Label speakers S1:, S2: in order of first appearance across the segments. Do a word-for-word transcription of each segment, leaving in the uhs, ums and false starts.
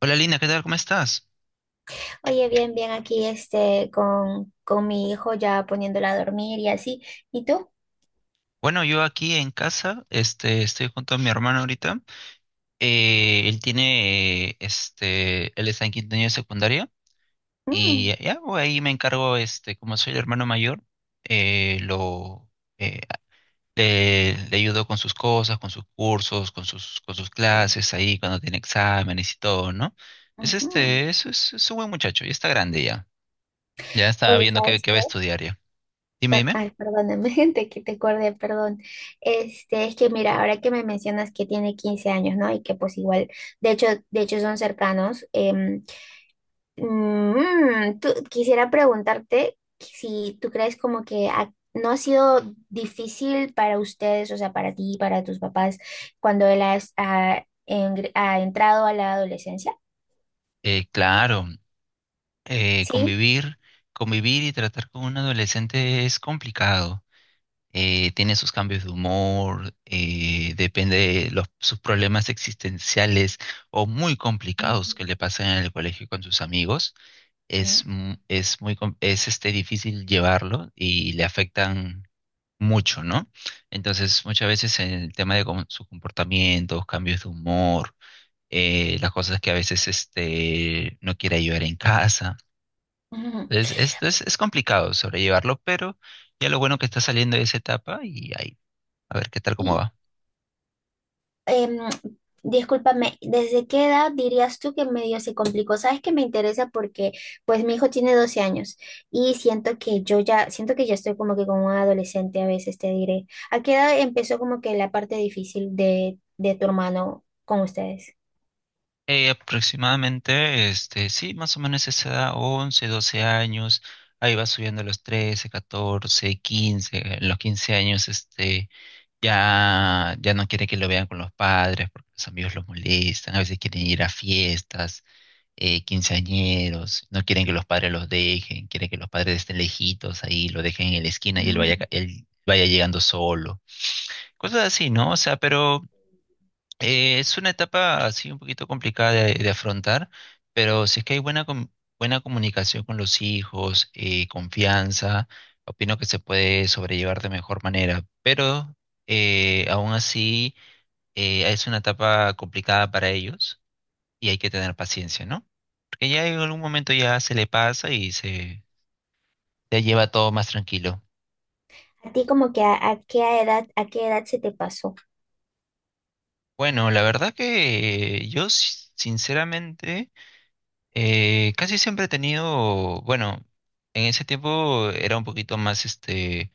S1: Hola Lina, ¿qué tal? ¿Cómo estás?
S2: Oye, bien, bien aquí este con, con mi hijo ya poniéndola a dormir y así. ¿Y tú?
S1: Bueno, yo aquí en casa, este, estoy junto a mi hermano ahorita. Eh, él tiene, eh, este, él está en quinto año de secundaria
S2: Mm,
S1: y ya, voy ahí me encargo, este, como soy el hermano mayor, eh, lo, eh, le, le ayudo con sus cosas, con sus cursos, con sus, con sus clases ahí cuando tiene exámenes y todo, ¿no? Es
S2: ujú.
S1: este, es, es, es un buen muchacho, ya está grande ya, ya está
S2: Oye,
S1: viendo qué,
S2: ¿sabes
S1: qué va
S2: qué?
S1: a estudiar ya. Dime,
S2: Per-
S1: dime.
S2: Ay, perdóname, gente, que te acordé, perdón. Este, es que mira, ahora que me mencionas que tiene quince años, ¿no? Y que pues igual, de hecho, de hecho son cercanos. em, Mm, tú- quisiera preguntarte si tú crees como que ha- no ha sido difícil para ustedes, o sea, para ti, para tus papás, cuando él has- ha, engr- ha entrado a la adolescencia.
S1: Eh, claro. eh,
S2: Sí.
S1: convivir, convivir y tratar con un adolescente es complicado. Eh, tiene sus cambios de humor, eh, depende de los, sus problemas existenciales o muy complicados que
S2: Mm.
S1: le pasan en el colegio con sus amigos. Es,
S2: Sí.
S1: mu- es muy, com- es este, difícil llevarlo y le afectan mucho, ¿no? Entonces, muchas veces el tema de com- sus comportamientos, cambios de humor, eh, las cosas que a veces este, no quiere ayudar en casa
S2: Ujú.
S1: es, es, es, es complicado sobrellevarlo, pero ya lo bueno que está saliendo de esa etapa y ahí, a ver qué tal cómo va.
S2: em, discúlpame, ¿desde qué edad dirías tú que medio se complicó? Sabes que me interesa porque pues mi hijo tiene doce años y siento que yo ya, siento que ya estoy como que como un adolescente a veces, te diré. ¿A qué edad empezó como que la parte difícil de, de tu hermano con ustedes?
S1: Eh, aproximadamente, este, sí, más o menos esa edad, once doce años, ahí va subiendo a los trece catorce quince en los quince años, este, ya, ya no quiere que lo vean con los padres porque los amigos los molestan, a veces quieren ir a fiestas, eh, quinceañeros, no quieren que los padres los dejen, quieren que los padres estén lejitos ahí, lo dejen en la esquina y él vaya,
S2: Mm.
S1: ca- él vaya llegando solo. Cosas así, ¿no? O sea, pero eh, es una etapa así un poquito complicada de, de afrontar, pero si es que hay buena, com- buena comunicación con los hijos, eh, confianza, opino que se puede sobrellevar de mejor manera, pero eh, aún así eh, es una etapa complicada para ellos y hay que tener paciencia, ¿no? Que ya en algún momento ya se le pasa y se ya lleva todo más tranquilo.
S2: ¿A ti como que a, a qué edad, a qué edad se te pasó?
S1: Bueno, la verdad que yo si- sinceramente eh, casi siempre he tenido, bueno, en ese tiempo era un poquito más este,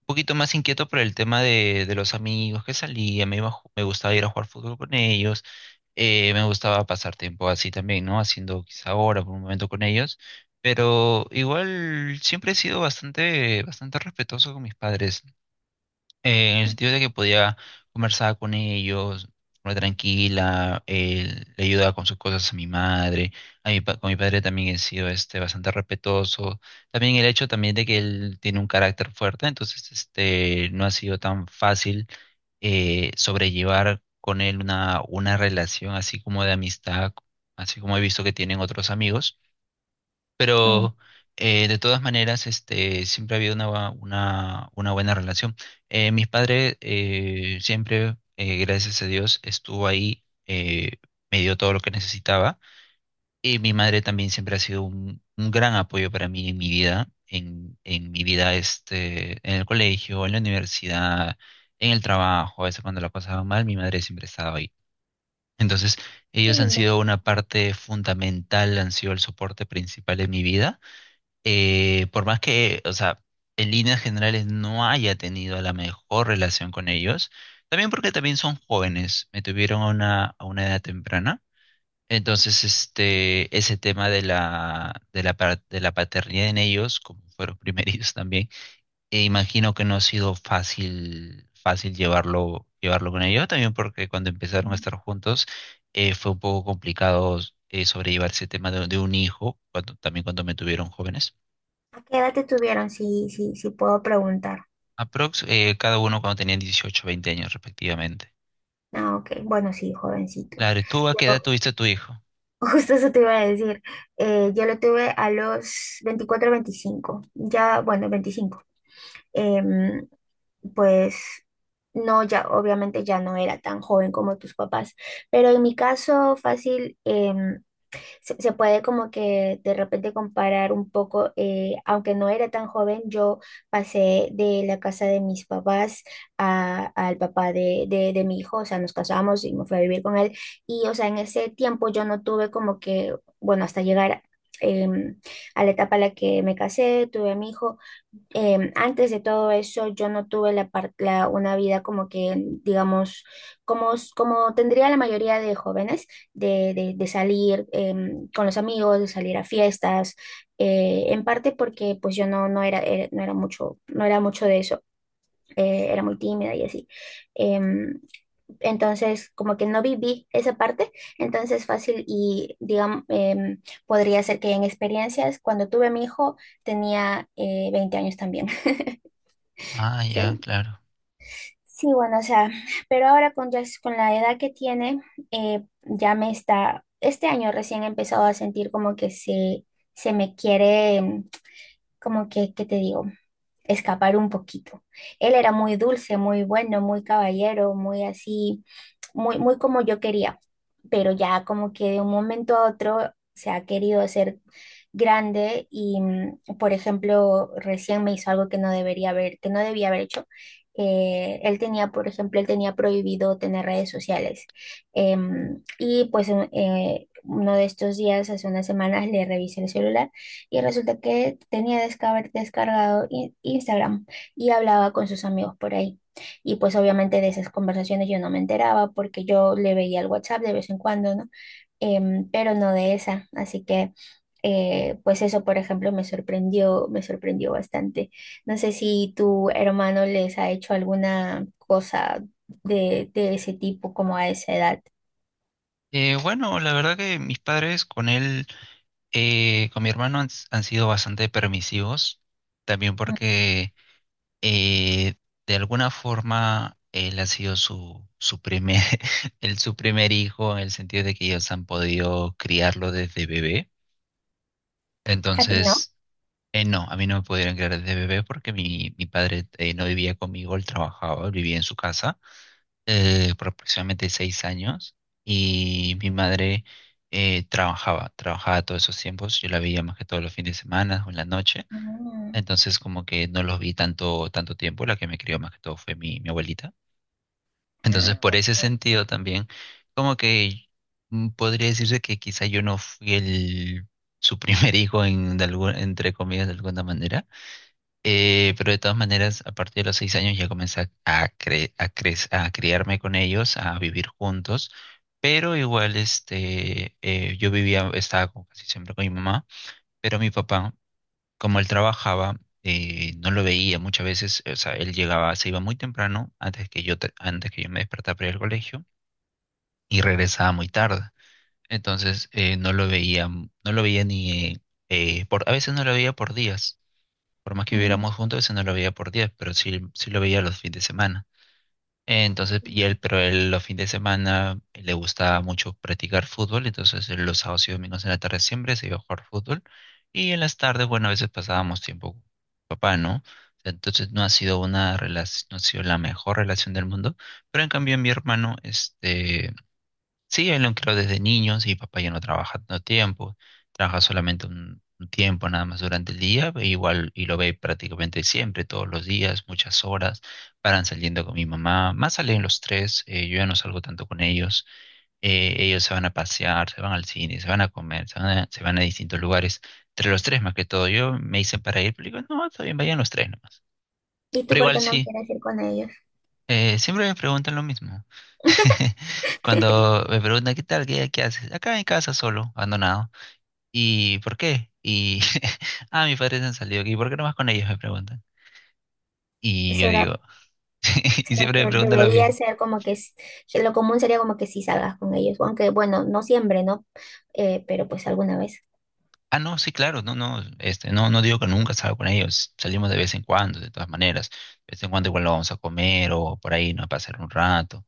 S1: un poquito más inquieto por el tema de, de los amigos que salía, me iba a ju- me gustaba ir a jugar fútbol con ellos, eh, me gustaba pasar tiempo así también, ¿no? Haciendo quizá hora por un momento con ellos. Pero igual siempre he sido bastante, bastante respetuoso con mis padres. Eh, en el sentido de que podía conversar con ellos, muy tranquila, eh, le ayudaba con sus cosas a mi madre, a mi, pa- con mi padre también he sido este, bastante respetuoso, también el hecho también de que él tiene un carácter fuerte, entonces este, no ha sido tan fácil eh, sobrellevar con él una, una relación así como de amistad, así como he visto que tienen otros amigos.
S2: Mm,
S1: Pero eh, de todas maneras, este, siempre ha habido una, bua- una, una buena relación. Eh, mis padres eh, siempre, eh, gracias a Dios, estuvo ahí, eh, me dio todo lo que necesitaba. Y mi madre también siempre ha sido un, un gran apoyo para mí en mi vida, en, en mi vida este, en el colegio, en la universidad, en el trabajo. A veces cuando la pasaba mal, mi madre siempre estaba ahí. Entonces,
S2: qué
S1: ellos han
S2: lindo.
S1: sido una parte fundamental, han sido el soporte principal de mi vida eh, por más que, o sea, en líneas generales no haya tenido la mejor relación con ellos, también porque también son jóvenes, me tuvieron a una, a una edad temprana. Entonces, este, ese tema de la, de la, pa- de la paternidad en ellos, como fueron primerizos también, e imagino que no ha sido fácil, fácil llevarlo, llevarlo con ellos, también porque cuando empezaron a estar juntos, eh, fue un poco complicado, eh, sobrellevar ese tema de, de un hijo, cuando, también cuando me tuvieron jóvenes.
S2: ¿A qué edad te tuvieron? Si, si, si puedo preguntar.
S1: Aprox, eh, cada uno cuando tenían dieciocho veinte años respectivamente.
S2: Ah, ok. Bueno, sí,
S1: Claro,
S2: jovencitos.
S1: ¿y tú a qué edad tuviste a tu hijo?
S2: Justo eso te iba a decir. Eh, yo lo tuve a los veinticuatro, veinticinco. Ya, bueno, veinticinco. Em, pues no, ya, obviamente ya no era tan joven como tus papás. Pero en mi caso, fácil, em, se, se puede como que de repente comparar un poco, eh, aunque no era tan joven, yo pasé de la casa de mis papás a- al papá de, de, de mi hijo, o sea, nos casamos y me fui a vivir con él y, o sea, en ese tiempo yo no tuve como que, bueno, hasta llegar em, a la etapa a la que me casé, tuve a mi hijo, em, antes de todo eso, yo no tuve la, par- la- una vida como que, digamos, como, s- como tendría la mayoría de jóvenes, de, de- de salir em, con los amigos, de salir a fiestas, eh, en parte porque pues yo no, no era, era- no era- mucho, no era mucho de eso, eh, era muy tímida y así. Em, entonces, como que no viví esa parte, entonces fácil y, digamos, em, podría ser que en experiencias, cuando tuve a mi hijo, tenía eh, veinte años también.
S1: Ah, ya,
S2: Se-
S1: claro.
S2: Sí, bueno, o sea, pero ahora con, ya- con la edad que tiene, eh, ya me está, este año recién he empezado a sentir como que se, se me quiere, mm, como que, ¿qué te digo? Escapar un poquito. Él era muy dulce, muy bueno, muy caballero, muy así, muy, muy como yo quería, pero ya como que de un momento a otro se ha querido hacer grande y, mm, por ejemplo, recién me hizo algo que no debería haber, que no debía haber hecho. Eh, él tenía, por ejemplo, él tenía prohibido tener redes sociales. Em, y pues en- eh, uno de estos días, hace unas semanas, le revisé el celular y resulta que tenía descar- descargado in- Instagram y hablaba con sus amigos por ahí. Y pues obviamente de esas conversaciones yo no me enteraba porque yo le veía el WhatsApp de vez en cuando, ¿no? Em, pero no de esa. Así que, eh, pues eso, por ejemplo, me sorprendió, me sorprendió bastante. No sé si tu hermano les ha hecho alguna cosa de, de ese tipo como a esa edad.
S1: Eh, bueno, la verdad que mis padres con él, eh, con mi hermano han, han sido bastante permisivos, también
S2: Mm.
S1: porque eh, de alguna forma él ha sido su, su primer, el, su primer hijo, en el sentido de que ellos han podido criarlo desde bebé.
S2: A ti no.
S1: Entonces, Eh, no, a mí no me pudieron criar desde bebé porque mi, mi padre eh, no vivía conmigo, él trabajaba, él vivía en su casa eh, por aproximadamente seis años y mi madre eh, trabajaba, trabajaba todos esos tiempos, yo la veía más que todos los fines de semana o en la noche,
S2: Mm.
S1: entonces como que no los vi tanto, tanto tiempo, la que me crió más que todo fue mi, mi abuelita. Entonces
S2: Ah,
S1: por ese
S2: ok.
S1: sentido también, como que mm, podría decirse que quizá yo no fui el, su primer hijo en, de algún- entre comillas de alguna manera eh, pero de todas maneras, a partir de los seis años ya comencé a, a, cre- a, cre- a criarme con ellos, a vivir juntos, pero igual este, eh, yo vivía, estaba como casi siempre con mi mamá, pero mi papá, como él trabajaba, eh, no lo veía muchas veces, o sea, él llegaba, se iba muy temprano, antes que yo, te- antes que yo me despertara para ir al colegio, y regresaba muy tarde. Entonces, eh, no lo veía, no lo veía ni, eh, por, a veces no lo veía por días. Por más que
S2: Mm.
S1: viviéramos juntos, eso no lo veía por días, pero sí, sí lo veía los fines de semana. Entonces, y él, pero él los fines de semana eh, le gustaba mucho practicar fútbol, entonces él los sábados y domingos en la tarde siempre se iba a jugar fútbol. Y en las tardes, bueno, a veces pasábamos tiempo con papá, ¿no? O sea, entonces no ha sido una relación, no ha sido la mejor relación del mundo, pero en cambio mi hermano, este, sí, él lo creó desde niños y papá ya no trabaja tanto tiempo, trabaja solamente un, un tiempo nada más durante el día, e igual y lo ve prácticamente siempre, todos los días, muchas horas, paran saliendo con mi mamá, más salen los tres, eh, yo ya no salgo tanto con ellos, eh, ellos se van a pasear, se van al cine, se van a comer, se van a, se van a distintos lugares, entre los tres más que todo, yo me dicen para ir, pero digo, no, está bien, vayan los tres nomás,
S2: ¿Y tú
S1: pero
S2: por
S1: igual
S2: qué no
S1: sí.
S2: quieres ir con ellos?
S1: Eh, siempre me preguntan lo mismo. Cuando me preguntan, ¿qué tal? ¿Qué, qué haces? Acá en casa solo, abandonado. ¿Y por qué? Y, ah, mis padres han salido. ¿Y? ¿Por qué no vas con ellos? Me preguntan. Y yo
S2: ¿Será,
S1: digo, y
S2: será que
S1: siempre me preguntan lo
S2: debería
S1: mismo.
S2: ser como que, s- que lo común sería como que sí salgas con ellos? Aunque bueno, no siempre, ¿no? Eh, pero pues alguna vez.
S1: Ah, no, sí, claro, no, no, este, no, no digo que nunca salga con ellos, salimos de vez en cuando, de todas maneras, de vez en cuando igual lo vamos a comer o por ahí, ¿no? A pasar un rato,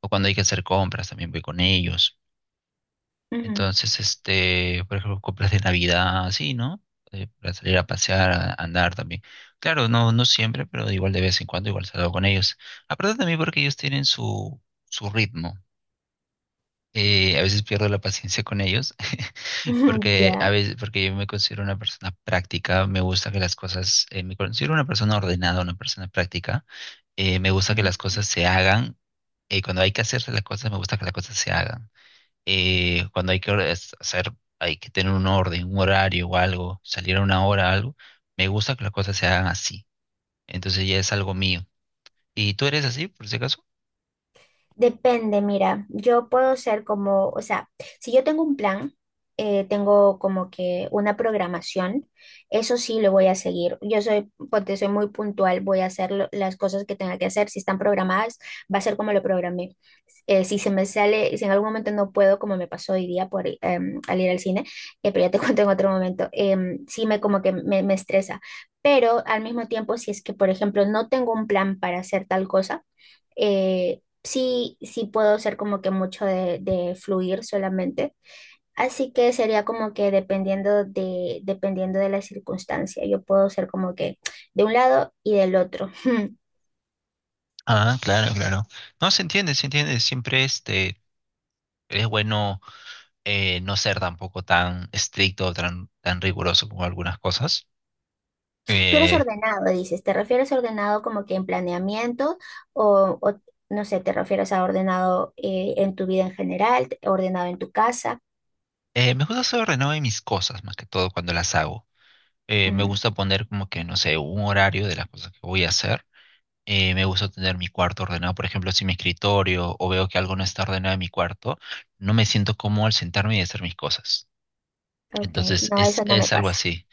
S1: o cuando hay que hacer compras también voy con ellos.
S2: Ujú.
S1: Entonces, este, por ejemplo, compras de Navidad, así, ¿no? Eh, para salir a pasear, a andar también. Claro, no, no siempre, pero igual de vez en cuando, igual salgo con ellos. Aparte también porque ellos tienen su, su ritmo. Eh, a veces pierdo la paciencia con ellos, porque a
S2: Ya.
S1: veces, porque yo me considero una persona práctica, me gusta que las cosas, eh, me considero una persona ordenada, una persona práctica. Eh, me gusta que las cosas se hagan. Eh, cuando hay que hacerse las cosas, me gusta que las cosas se hagan. Eh, cuando hay que or- es- hacer, hay que tener un orden, un horario o algo, salir a una hora, algo, me gusta que las cosas se hagan así. Entonces ya es algo mío. ¿Y tú eres así, por si acaso?
S2: Depende, mira, yo puedo ser como, o sea, si yo tengo un plan, eh, tengo como que una programación, eso sí lo voy a seguir. Yo soy, porque soy muy puntual, voy a hacer lo- las cosas que tenga que hacer. Si están programadas, va a ser como lo programé. Eh, si se me sale, si en algún momento no puedo, como me pasó hoy día por, em, al ir al cine, eh, pero ya te cuento en otro momento, em, sí me como que me me estresa. Pero al mismo tiempo, si es que, por ejemplo, no tengo un plan para hacer tal cosa, eh, sí, sí puedo ser como que mucho de, de fluir solamente. Así que sería como que dependiendo de, dependiendo de la circunstancia, yo puedo ser como que de un lado y del otro.
S1: Ah, claro, claro. No, se entiende, se entiende. Siempre este, es bueno eh, no ser tampoco tan estricto, tan, tan riguroso como algunas cosas.
S2: Tú eres
S1: Eh,
S2: ordenado, dices, ¿te refieres a ordenado como que en planeamiento o, o, no sé, te refieres a ordenado eh, en tu vida en general, ordenado en tu casa?
S1: eh, Me gusta ser ordenado en mis cosas, más que todo cuando las hago. Eh, me
S2: Mm,
S1: gusta poner como que, no sé, un horario de las cosas que voy a hacer. Eh, me gusta tener mi cuarto ordenado, por ejemplo, si mi escritorio o veo que algo no está ordenado en mi cuarto, no me siento cómodo al sentarme y hacer mis cosas.
S2: ok,
S1: Entonces,
S2: no,
S1: es,
S2: eso no me
S1: es algo
S2: pasa.
S1: así.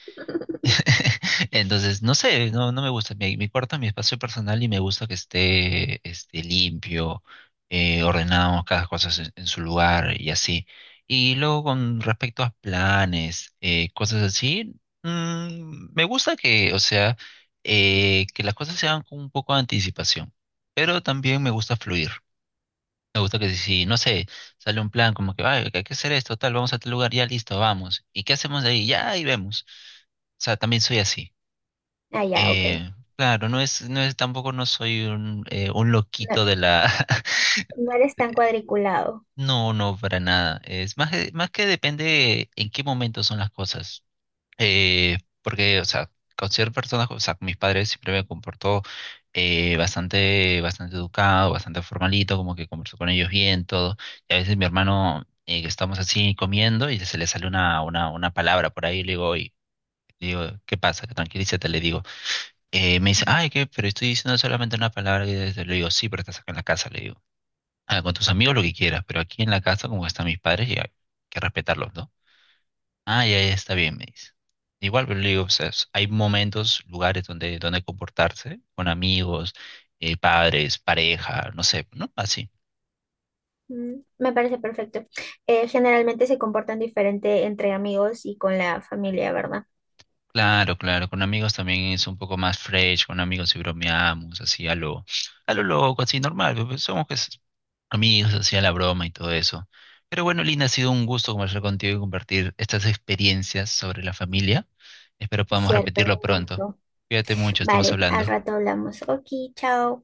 S1: Entonces, no sé, no, no me gusta. Mi, mi cuarto es mi espacio personal y me gusta que esté, este, limpio, eh, ordenado, cada cosa en, en su lugar y así. Y luego con respecto a planes, eh, cosas así, mm, me gusta que, o sea, eh, que las cosas se hagan con un poco de anticipación, pero también me gusta fluir. Me gusta que si, no sé, sale un plan como que: "Ay, hay que hacer esto, tal, vamos a tal lugar, ya listo, vamos. ¿Y qué hacemos de ahí? Ya ahí vemos". O sea, también soy así.
S2: Ah, ya, ok.
S1: Eh, claro, no es, no es, tampoco no soy un, eh, un
S2: No,
S1: loquito de la...
S2: no eres tan cuadriculado.
S1: No, no, para nada. Es más, que- más que depende en qué momento son las cosas. Eh, porque, o sea, con ciertas personas, o sea, con mis padres siempre me comportó eh, bastante, bastante educado, bastante formalito, como que converso con ellos bien, todo. Y a veces mi hermano, eh, que estamos así comiendo y se le sale una, una, una palabra por ahí, le digo: "Oy", le digo, ¿qué pasa? Tranquilízate, le digo. Eh, me dice: ay, ¿qué? Pero estoy diciendo solamente una palabra. Y desde- le digo, sí, pero estás acá en la casa, le digo. Ah, con tus amigos lo que quieras, pero aquí en la casa, como están mis padres, y hay que respetarlos, ¿no? Ah, ya, ya está bien, me dice. Igual, pero le digo, o sea, es- hay momentos, lugares donde, donde, comportarse con amigos, eh, padres, pareja, no sé, ¿no? Así.
S2: Mm, me parece perfecto. Eh, generalmente se comportan diferente entre amigos y con la familia, ¿verdad?
S1: Claro, claro, con amigos también es un poco más fresh, con amigos y bromeamos, así a lo, a lo loco, así normal, pues, pues, somos pues, amigos, así a la broma y todo eso. Pero bueno, Lina, ha sido un gusto conversar contigo y compartir estas experiencias sobre la familia. Espero
S2: Es
S1: podamos
S2: cierto,
S1: repetirlo
S2: un
S1: pronto.
S2: gusto.
S1: Cuídate mucho, estamos
S2: Vale, al
S1: hablando.
S2: rato hablamos. Ok, chao.